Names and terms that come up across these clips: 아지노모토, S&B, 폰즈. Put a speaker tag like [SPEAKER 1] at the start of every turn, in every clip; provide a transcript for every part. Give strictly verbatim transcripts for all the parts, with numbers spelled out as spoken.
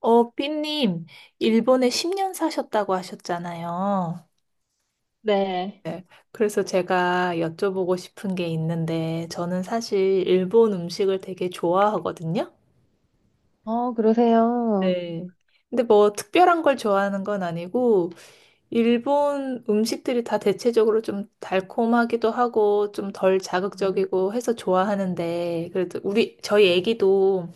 [SPEAKER 1] 어, 삐님, 일본에 십 년 사셨다고 하셨잖아요.
[SPEAKER 2] 네.
[SPEAKER 1] 네. 그래서 제가 여쭤보고 싶은 게 있는데, 저는 사실 일본 음식을 되게 좋아하거든요.
[SPEAKER 2] 어, 그러세요.
[SPEAKER 1] 네. 근데 뭐 특별한 걸 좋아하는 건 아니고, 일본 음식들이 다 대체적으로 좀 달콤하기도 하고, 좀 덜
[SPEAKER 2] 음.
[SPEAKER 1] 자극적이고 해서 좋아하는데, 그래도 우리, 저희 애기도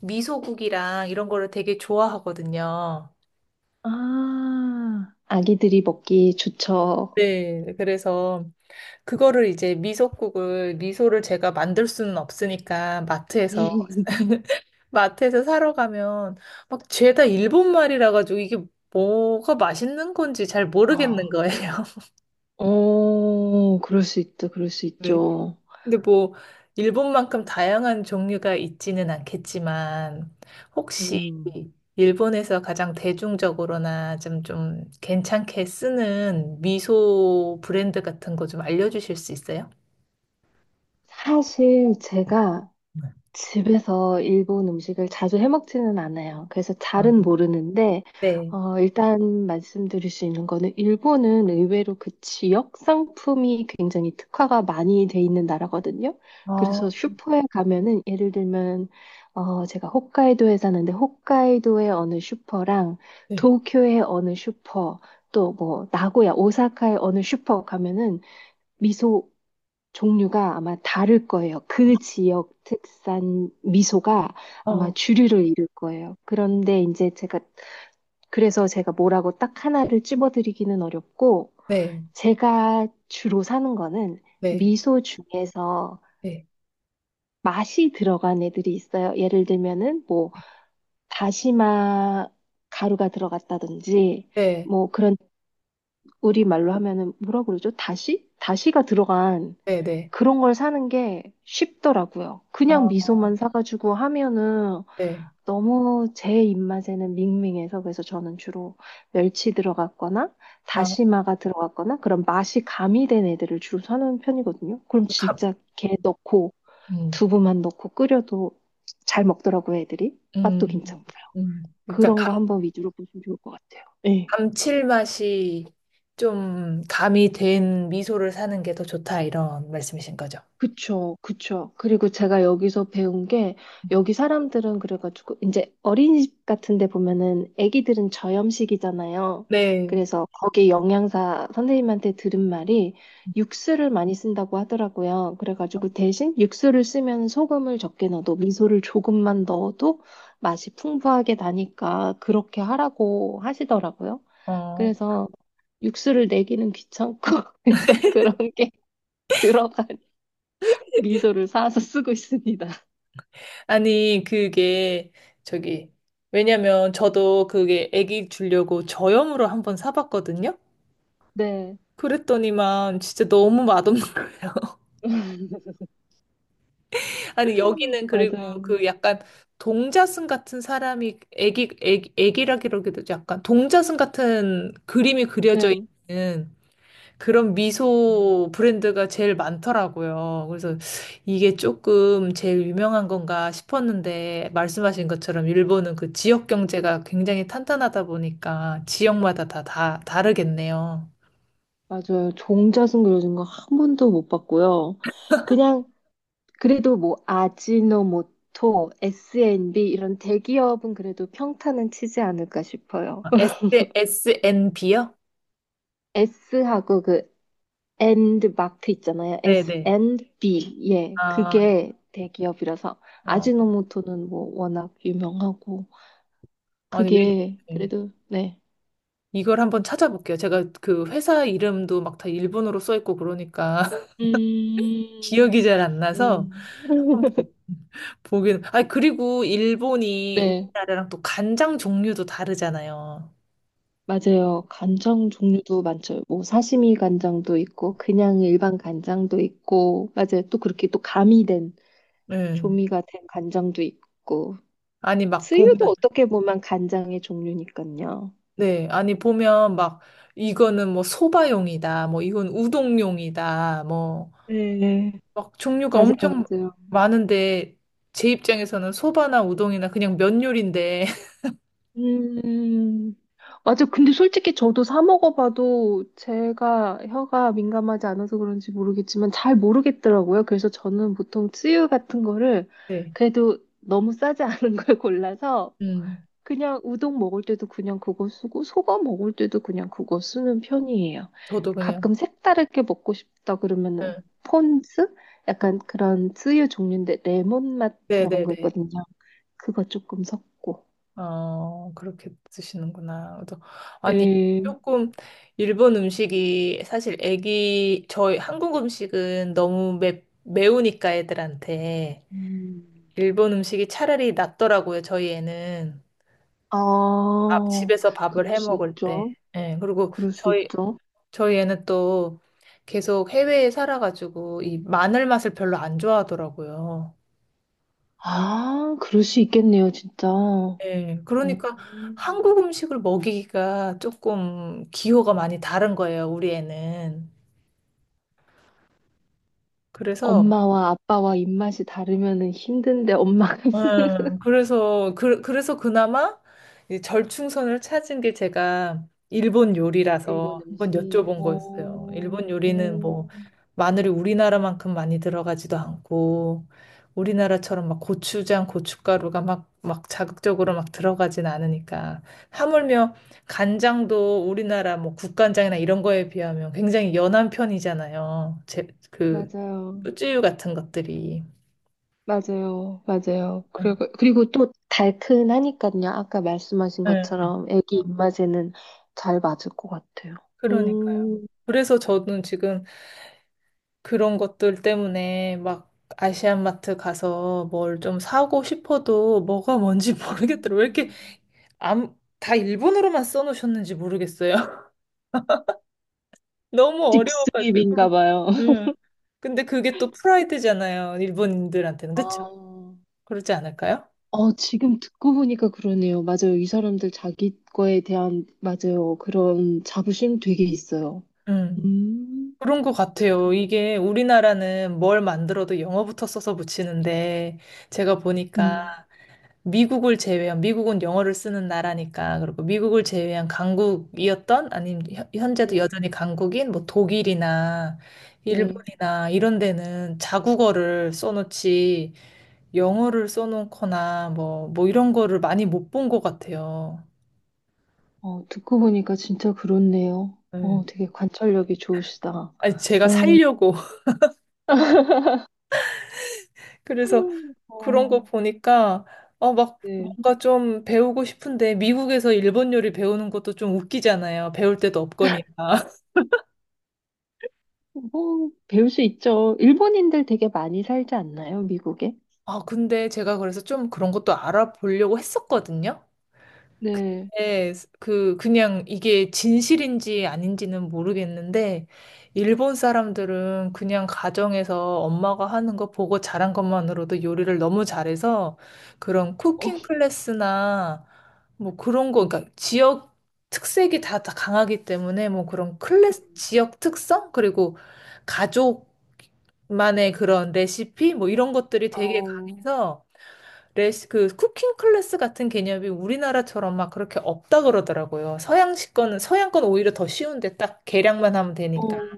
[SPEAKER 1] 미소국이랑 이런 거를 되게 좋아하거든요.
[SPEAKER 2] 아, 아기들이 먹기 좋죠.
[SPEAKER 1] 네. 그래서 그거를 이제 미소국을, 미소를 제가 만들 수는 없으니까 마트에서, 마트에서 사러 가면 막 죄다 일본 말이라 가지고 이게 뭐가 맛있는 건지 잘 모르겠는
[SPEAKER 2] 어
[SPEAKER 1] 거예요.
[SPEAKER 2] 어, 그럴 수 있죠. 그럴 수
[SPEAKER 1] 네.
[SPEAKER 2] 있죠.
[SPEAKER 1] 근데 뭐, 일본만큼 다양한 종류가 있지는 않겠지만, 혹시
[SPEAKER 2] 음,
[SPEAKER 1] 일본에서 가장 대중적으로나 좀, 좀 괜찮게 쓰는 미소 브랜드 같은 거 좀 알려주실 수 있어요?
[SPEAKER 2] 사실 제가
[SPEAKER 1] 네.
[SPEAKER 2] 집에서 일본 음식을 자주 해먹지는 않아요. 그래서 잘은
[SPEAKER 1] 어,
[SPEAKER 2] 모르는데,
[SPEAKER 1] 네.
[SPEAKER 2] 어, 일단 말씀드릴 수 있는 거는 일본은 의외로 그 지역 상품이 굉장히 특화가 많이 돼 있는 나라거든요. 그래서
[SPEAKER 1] 아,
[SPEAKER 2] 슈퍼에 가면은 예를 들면, 어, 제가 홋카이도에 사는데 홋카이도의 어느 슈퍼랑
[SPEAKER 1] 네.
[SPEAKER 2] 도쿄의 어느 슈퍼, 또 뭐 나고야, 오사카의 어느 슈퍼 가면은 미소 종류가 아마 다를 거예요. 그 지역 특산 미소가 아마
[SPEAKER 1] 어,
[SPEAKER 2] 주류를 이룰 거예요. 그런데 이제 제가, 그래서 제가 뭐라고 딱 하나를 찝어드리기는 어렵고,
[SPEAKER 1] 네,
[SPEAKER 2] 제가 주로 사는 거는
[SPEAKER 1] 네,
[SPEAKER 2] 미소 중에서
[SPEAKER 1] 네,
[SPEAKER 2] 맛이 들어간 애들이 있어요. 예를 들면은 뭐, 다시마 가루가 들어갔다든지,
[SPEAKER 1] 네,
[SPEAKER 2] 뭐 그런, 우리말로 하면은 뭐라 그러죠? 다시? 다시가 들어간
[SPEAKER 1] 네, 네.
[SPEAKER 2] 그런 걸 사는 게 쉽더라고요. 그냥
[SPEAKER 1] 아,
[SPEAKER 2] 미소만 사가지고 하면은
[SPEAKER 1] 네.
[SPEAKER 2] 너무 제 입맛에는 밍밍해서 그래서 저는 주로 멸치 들어갔거나
[SPEAKER 1] 아,
[SPEAKER 2] 다시마가 들어갔거나 그런 맛이 가미된 애들을 주로 사는 편이거든요. 그럼
[SPEAKER 1] 좀 감,
[SPEAKER 2] 진짜 게 넣고
[SPEAKER 1] 음,
[SPEAKER 2] 두부만 넣고 끓여도 잘 먹더라고요, 애들이. 맛도
[SPEAKER 1] 음,
[SPEAKER 2] 괜찮고요.
[SPEAKER 1] 음. 그러니까
[SPEAKER 2] 그런 거
[SPEAKER 1] 감,
[SPEAKER 2] 한번 위주로 보시면 좋을 것 같아요. 네.
[SPEAKER 1] 감칠맛이 좀 가미 된 미소를 사는 게 더 좋다 이런 말씀이신 거죠?
[SPEAKER 2] 그쵸, 그쵸. 그리고 제가 여기서 배운 게, 여기 사람들은 그래가지고, 이제 어린이집 같은 데 보면은 애기들은 저염식이잖아요.
[SPEAKER 1] 네.
[SPEAKER 2] 그래서 거기 영양사 선생님한테 들은 말이 육수를 많이 쓴다고 하더라고요. 그래가지고 대신 육수를 쓰면 소금을 적게 넣어도 미소를 조금만 넣어도 맛이 풍부하게 나니까 그렇게 하라고 하시더라고요.
[SPEAKER 1] 어.
[SPEAKER 2] 그래서 육수를 내기는 귀찮고, 그래서 그런 게 들어가. 미소를 사서 쓰고 있습니다.
[SPEAKER 1] 아니, 그게 저기 왜냐면 저도 그게 애기 주려고 저염으로 한번 사봤거든요.
[SPEAKER 2] 네,
[SPEAKER 1] 그랬더니만 진짜 너무 맛없는 거예요. 아니 여기는 그리고
[SPEAKER 2] 맞아요.
[SPEAKER 1] 그 약간 동자승 같은 사람이 애기 애기 애기라기라기도 약간 동자승 같은 그림이 그려져
[SPEAKER 2] 네.
[SPEAKER 1] 있는 그런 미소 브랜드가 제일 많더라고요. 그래서 이게 조금 제일 유명한 건가 싶었는데 말씀하신 것처럼 일본은 그 지역 경제가 굉장히 탄탄하다 보니까 지역마다 다 다 다르겠네요.
[SPEAKER 2] 맞아요. 종자승 그려진 거 한 번도 못 봤고요. 그냥 그래도 뭐 아지노모토, 에스 앤 비 이런 대기업은 그래도 평타는 치지 않을까 싶어요.
[SPEAKER 1] S 에스엔비요?
[SPEAKER 2] S하고 그 and 마크 있잖아요. S
[SPEAKER 1] 네네.
[SPEAKER 2] and B. 예.
[SPEAKER 1] 아,
[SPEAKER 2] 그게 대기업이라서
[SPEAKER 1] 어.
[SPEAKER 2] 아지노모토는 뭐 워낙 유명하고
[SPEAKER 1] 아니 왜?
[SPEAKER 2] 그게 그래도 네.
[SPEAKER 1] 이걸 한번 찾아볼게요. 제가 그 회사 이름도 막 다 일본어로 써 있고 그러니까
[SPEAKER 2] 음,
[SPEAKER 1] 기억이 잘 안 나서
[SPEAKER 2] 음.
[SPEAKER 1] 한번 보, 보긴. 아, 그리고 일본이
[SPEAKER 2] 네,
[SPEAKER 1] 우리나라랑 또 간장 종류도 다르잖아요.
[SPEAKER 2] 맞아요. 간장 종류도 많죠. 뭐 사시미 간장도 있고 그냥 일반 간장도 있고 맞아요. 또 그렇게 또 가미된
[SPEAKER 1] 네.
[SPEAKER 2] 조미가 된 간장도 있고
[SPEAKER 1] 아니 막 보면
[SPEAKER 2] 스유도 어떻게 보면 간장의 종류니까요.
[SPEAKER 1] 네. 아니 보면 막 이거는 뭐 소바용이다. 뭐 이건 우동용이다. 뭐
[SPEAKER 2] 네,
[SPEAKER 1] 막 종류가
[SPEAKER 2] 맞아요,
[SPEAKER 1] 엄청
[SPEAKER 2] 맞아요.
[SPEAKER 1] 많은데 제 입장에서는 소바나 우동이나 그냥 면 요리인데
[SPEAKER 2] 음, 맞아. 근데 솔직히 저도 사 먹어봐도 제가 혀가 민감하지 않아서 그런지 모르겠지만 잘 모르겠더라고요. 그래서 저는 보통 쯔유 같은 거를
[SPEAKER 1] 네.
[SPEAKER 2] 그래도 너무 싸지 않은 걸 골라서
[SPEAKER 1] 음.
[SPEAKER 2] 그냥 우동 먹을 때도 그냥 그거 쓰고, 속어 먹을 때도 그냥 그거 쓰는 편이에요.
[SPEAKER 1] 저도 그냥
[SPEAKER 2] 가끔 색다르게 먹고 싶다 그러면은
[SPEAKER 1] 네.
[SPEAKER 2] 폰즈? 약간 그런 쯔유 종류인데 레몬 맛 들어간 거
[SPEAKER 1] 네네네.
[SPEAKER 2] 있거든요. 그거 조금 섞고.
[SPEAKER 1] 어, 그렇게 드시는구나. 그래서 아니, 네.
[SPEAKER 2] 예.
[SPEAKER 1] 조금 일본 음식이 사실 애기, 저희 한국 음식은 너무 매, 매우니까 애들한테
[SPEAKER 2] 음.
[SPEAKER 1] 일본 음식이 차라리 낫더라고요, 저희 애는.
[SPEAKER 2] 아,
[SPEAKER 1] 밥, 집에서 밥을
[SPEAKER 2] 그럴
[SPEAKER 1] 해
[SPEAKER 2] 수
[SPEAKER 1] 먹을 때.
[SPEAKER 2] 있죠.
[SPEAKER 1] 예, 그리고
[SPEAKER 2] 그럴 수
[SPEAKER 1] 저희,
[SPEAKER 2] 있죠.
[SPEAKER 1] 저희 애는 또 계속 해외에 살아가지고 이 마늘 맛을 별로 안 좋아하더라고요.
[SPEAKER 2] 아, 그럴 수 있겠네요, 진짜. 어.
[SPEAKER 1] 예, 그러니까
[SPEAKER 2] 음.
[SPEAKER 1] 한국 음식을 먹이기가 조금 기호가 많이 다른 거예요, 우리 애는. 그래서
[SPEAKER 2] 엄마와 아빠와 입맛이 다르면은 힘든데 엄마가
[SPEAKER 1] 예, 그래서 그, 그래서 그나마 이 절충선을 찾은 게 제가 일본
[SPEAKER 2] 일본
[SPEAKER 1] 요리라서 한번
[SPEAKER 2] 음식.
[SPEAKER 1] 여쭤본
[SPEAKER 2] 어,
[SPEAKER 1] 거였어요. 일본
[SPEAKER 2] 어,
[SPEAKER 1] 요리는 뭐 마늘이 우리나라만큼 많이 들어가지도 않고 우리나라처럼 막 고추장, 고춧가루가 막 막 자극적으로 막 들어가진 않으니까 하물며 간장도 우리나라 뭐 국간장이나 이런 거에 비하면 굉장히 연한 편이잖아요. 제, 그
[SPEAKER 2] 맞아요.
[SPEAKER 1] 쭈쭈유 같은 것들이.
[SPEAKER 2] 맞아요. 맞아요. 그리고, 그리고 또 달큰하니까요. 아까 말씀하신
[SPEAKER 1] 예.
[SPEAKER 2] 것처럼 애기 입맛에는 잘 맞을 것 같아요.
[SPEAKER 1] 그러니까요.
[SPEAKER 2] 음,
[SPEAKER 1] 그래서 저는 지금 그런 것들 때문에 막 아시안마트 가서 뭘 좀 사고 싶어도 뭐가 뭔지 모르겠더라고요. 왜 이렇게 암, 다 일본어로만 써놓으셨는지 모르겠어요. 너무
[SPEAKER 2] 직수입인가
[SPEAKER 1] 어려워가지고.
[SPEAKER 2] 봐요.
[SPEAKER 1] 음. 근데 그게 또 프라이드잖아요. 일본인들한테는. 그렇죠?
[SPEAKER 2] 아,
[SPEAKER 1] 그렇지 않을까요?
[SPEAKER 2] 어, 지금 듣고 보니까 그러네요. 맞아요. 이 사람들 자기 거에 대한, 맞아요. 그런 자부심 되게 있어요.
[SPEAKER 1] 음.
[SPEAKER 2] 음,
[SPEAKER 1] 그런 것
[SPEAKER 2] 듣고,
[SPEAKER 1] 같아요. 이게 우리나라는 뭘 만들어도 영어부터 써서 붙이는데 제가 보니까
[SPEAKER 2] 음,
[SPEAKER 1] 미국을 제외한, 미국은 영어를 쓰는 나라니까, 그리고 미국을 제외한 강국이었던, 아니면 현- 현재도
[SPEAKER 2] 네,
[SPEAKER 1] 여전히 강국인, 뭐 독일이나
[SPEAKER 2] 네.
[SPEAKER 1] 일본이나 이런 데는 자국어를 써놓지, 영어를 써놓거나, 뭐, 뭐 이런 거를 많이 못 본 것 같아요.
[SPEAKER 2] 어, 듣고 보니까 진짜 그렇네요.
[SPEAKER 1] 네.
[SPEAKER 2] 어, 되게 관찰력이 좋으시다.
[SPEAKER 1] 아니, 제가
[SPEAKER 2] 어,
[SPEAKER 1] 살려고. 그래서
[SPEAKER 2] 어,
[SPEAKER 1] 그런 거 보니까, 어, 막,
[SPEAKER 2] 네.
[SPEAKER 1] 뭔가 좀 배우고 싶은데, 미국에서 일본 요리 배우는 것도 좀 웃기잖아요. 배울 데도 없거니까.
[SPEAKER 2] 뭐, 배울 수 있죠. 일본인들 되게 많이 살지 않나요, 미국에?
[SPEAKER 1] 아, 근데 제가 그래서 좀 그런 것도 알아보려고 했었거든요.
[SPEAKER 2] 네.
[SPEAKER 1] 네, 그, 그냥 이게 진실인지 아닌지는 모르겠는데, 일본 사람들은 그냥 가정에서 엄마가 하는 거 보고 자란 것만으로도 요리를 너무 잘해서 그런
[SPEAKER 2] 어,
[SPEAKER 1] 쿠킹 클래스나 뭐 그런 거, 그러니까 지역 특색이 다, 다 강하기 때문에 뭐 그런 클래스,
[SPEAKER 2] 음.
[SPEAKER 1] 지역 특성? 그리고 가족만의 그런 레시피? 뭐 이런 것들이 되게
[SPEAKER 2] 어,
[SPEAKER 1] 강해서 레시 그 쿠킹 클래스 같은 개념이 우리나라처럼 막 그렇게 없다 그러더라고요. 서양식 거는 서양 건 오히려 더 쉬운데 딱 계량만 하면 되니까
[SPEAKER 2] 어,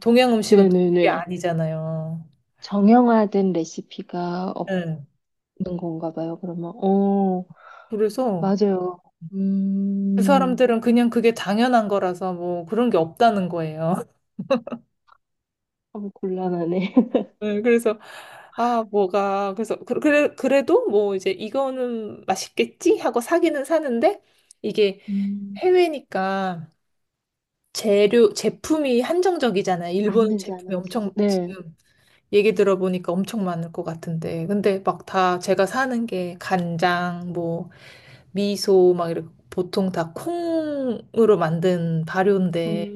[SPEAKER 1] 동양 음식은 또 그게
[SPEAKER 2] 네네네.
[SPEAKER 1] 아니잖아요.
[SPEAKER 2] 정형화된 레시피가
[SPEAKER 1] 네.
[SPEAKER 2] 없는 건가 봐요, 그러면. 어,
[SPEAKER 1] 그래서
[SPEAKER 2] 맞아요.
[SPEAKER 1] 그
[SPEAKER 2] 음,
[SPEAKER 1] 사람들은 그냥 그게 당연한 거라서 뭐 그런 게 없다는 거예요.
[SPEAKER 2] 어, 곤란하네.
[SPEAKER 1] 네, 그래서 아 뭐가 그래서 그- 그래 그래도 뭐 이제 이거는 맛있겠지 하고 사기는 사는데 이게
[SPEAKER 2] 음,
[SPEAKER 1] 해외니까 재료 제품이 한정적이잖아요. 일본
[SPEAKER 2] 아는지
[SPEAKER 1] 제품이
[SPEAKER 2] 아는지.
[SPEAKER 1] 엄청
[SPEAKER 2] 네.
[SPEAKER 1] 지금 얘기 들어보니까 엄청 많을 것 같은데. 근데 막 다 제가 사는 게 간장, 뭐, 미소, 막 이렇게 보통 다 콩으로 만든 발효인데.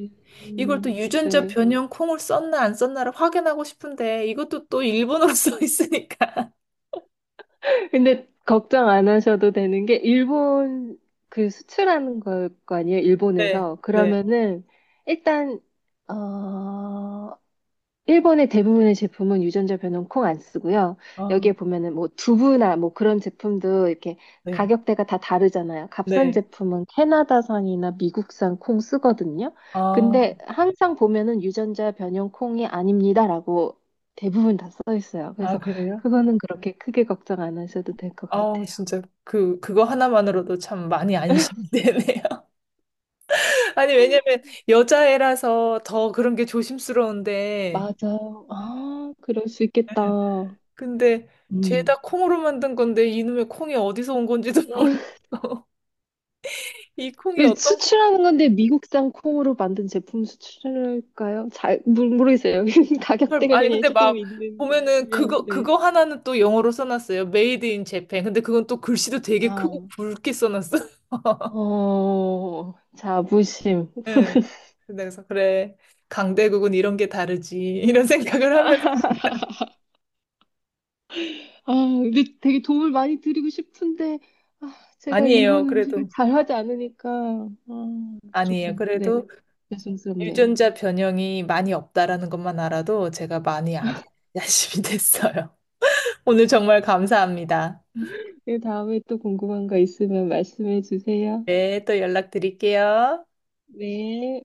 [SPEAKER 1] 이걸 또 유전자
[SPEAKER 2] 네.
[SPEAKER 1] 변형 콩을 썼나 안 썼나를 확인하고 싶은데 이것도 또 일본어로 써 있으니까.
[SPEAKER 2] 근데 걱정 안 하셔도 되는 게 일본 그 수출하는 걸 거 아니에요?
[SPEAKER 1] 네,
[SPEAKER 2] 일본에서.
[SPEAKER 1] 네.
[SPEAKER 2] 그러면은 일단 어 일본의 대부분의 제품은 유전자 변형 콩 안 쓰고요.
[SPEAKER 1] 아,
[SPEAKER 2] 여기에 보면은 뭐 두부나 뭐 그런 제품도 이렇게
[SPEAKER 1] 네,
[SPEAKER 2] 가격대가 다 다르잖아요. 값싼
[SPEAKER 1] 네.
[SPEAKER 2] 제품은 캐나다산이나 미국산 콩 쓰거든요.
[SPEAKER 1] 아,
[SPEAKER 2] 근데 항상 보면은 유전자 변형 콩이 아닙니다라고 대부분 다 써 있어요.
[SPEAKER 1] 아,
[SPEAKER 2] 그래서
[SPEAKER 1] 그래요?
[SPEAKER 2] 그거는 그렇게 크게 걱정 안 하셔도 될 것
[SPEAKER 1] 아,
[SPEAKER 2] 같아요.
[SPEAKER 1] 진짜 그 그거 하나만으로도 참 많이 안심되네요. 아니, 왜냐면 여자애라서 더 그런 게 조심스러운데
[SPEAKER 2] 맞아요. 아, 그럴 수 있겠다.
[SPEAKER 1] 근데
[SPEAKER 2] 음.
[SPEAKER 1] 죄다 콩으로 만든 건데 이놈의 콩이 어디서 온 건지도 모르겠어. 이 콩이
[SPEAKER 2] 왜
[SPEAKER 1] 어떤 콩?
[SPEAKER 2] 수출하는 건데 미국산 콩으로 만든 제품 수출할까요? 잘 모르, 모르겠어요.
[SPEAKER 1] 잘-
[SPEAKER 2] 가격대가
[SPEAKER 1] 아니
[SPEAKER 2] 그냥
[SPEAKER 1] 근데
[SPEAKER 2] 조금
[SPEAKER 1] 막
[SPEAKER 2] 있는
[SPEAKER 1] 보면은
[SPEAKER 2] 거면
[SPEAKER 1] 그거
[SPEAKER 2] 네.
[SPEAKER 1] 그거 하나는 또 영어로 써놨어요. Made in Japan. 근데 그건 또 글씨도 되게
[SPEAKER 2] 아,
[SPEAKER 1] 크고 굵게 써놨어.
[SPEAKER 2] 어, 자부심.
[SPEAKER 1] 네. 그래서 그래 강대국은 이런 게 다르지 이런 생각을 하면서
[SPEAKER 2] 아, 근데 되게 도움을 많이 드리고 싶은데 아, 제가
[SPEAKER 1] 아니에요.
[SPEAKER 2] 일본 음식을
[SPEAKER 1] 그래도
[SPEAKER 2] 잘하지 않으니까 아,
[SPEAKER 1] 아니에요.
[SPEAKER 2] 조금 네,
[SPEAKER 1] 그래도
[SPEAKER 2] 죄송스럽네요.
[SPEAKER 1] 유전자 변형이 많이 없다라는 것만 알아도 제가 많이 아- 야심이 됐어요. 오늘 정말 감사합니다.
[SPEAKER 2] 네, 다음에 또 궁금한 거 있으면 말씀해 주세요.
[SPEAKER 1] 네, 또 연락드릴게요.
[SPEAKER 2] 네.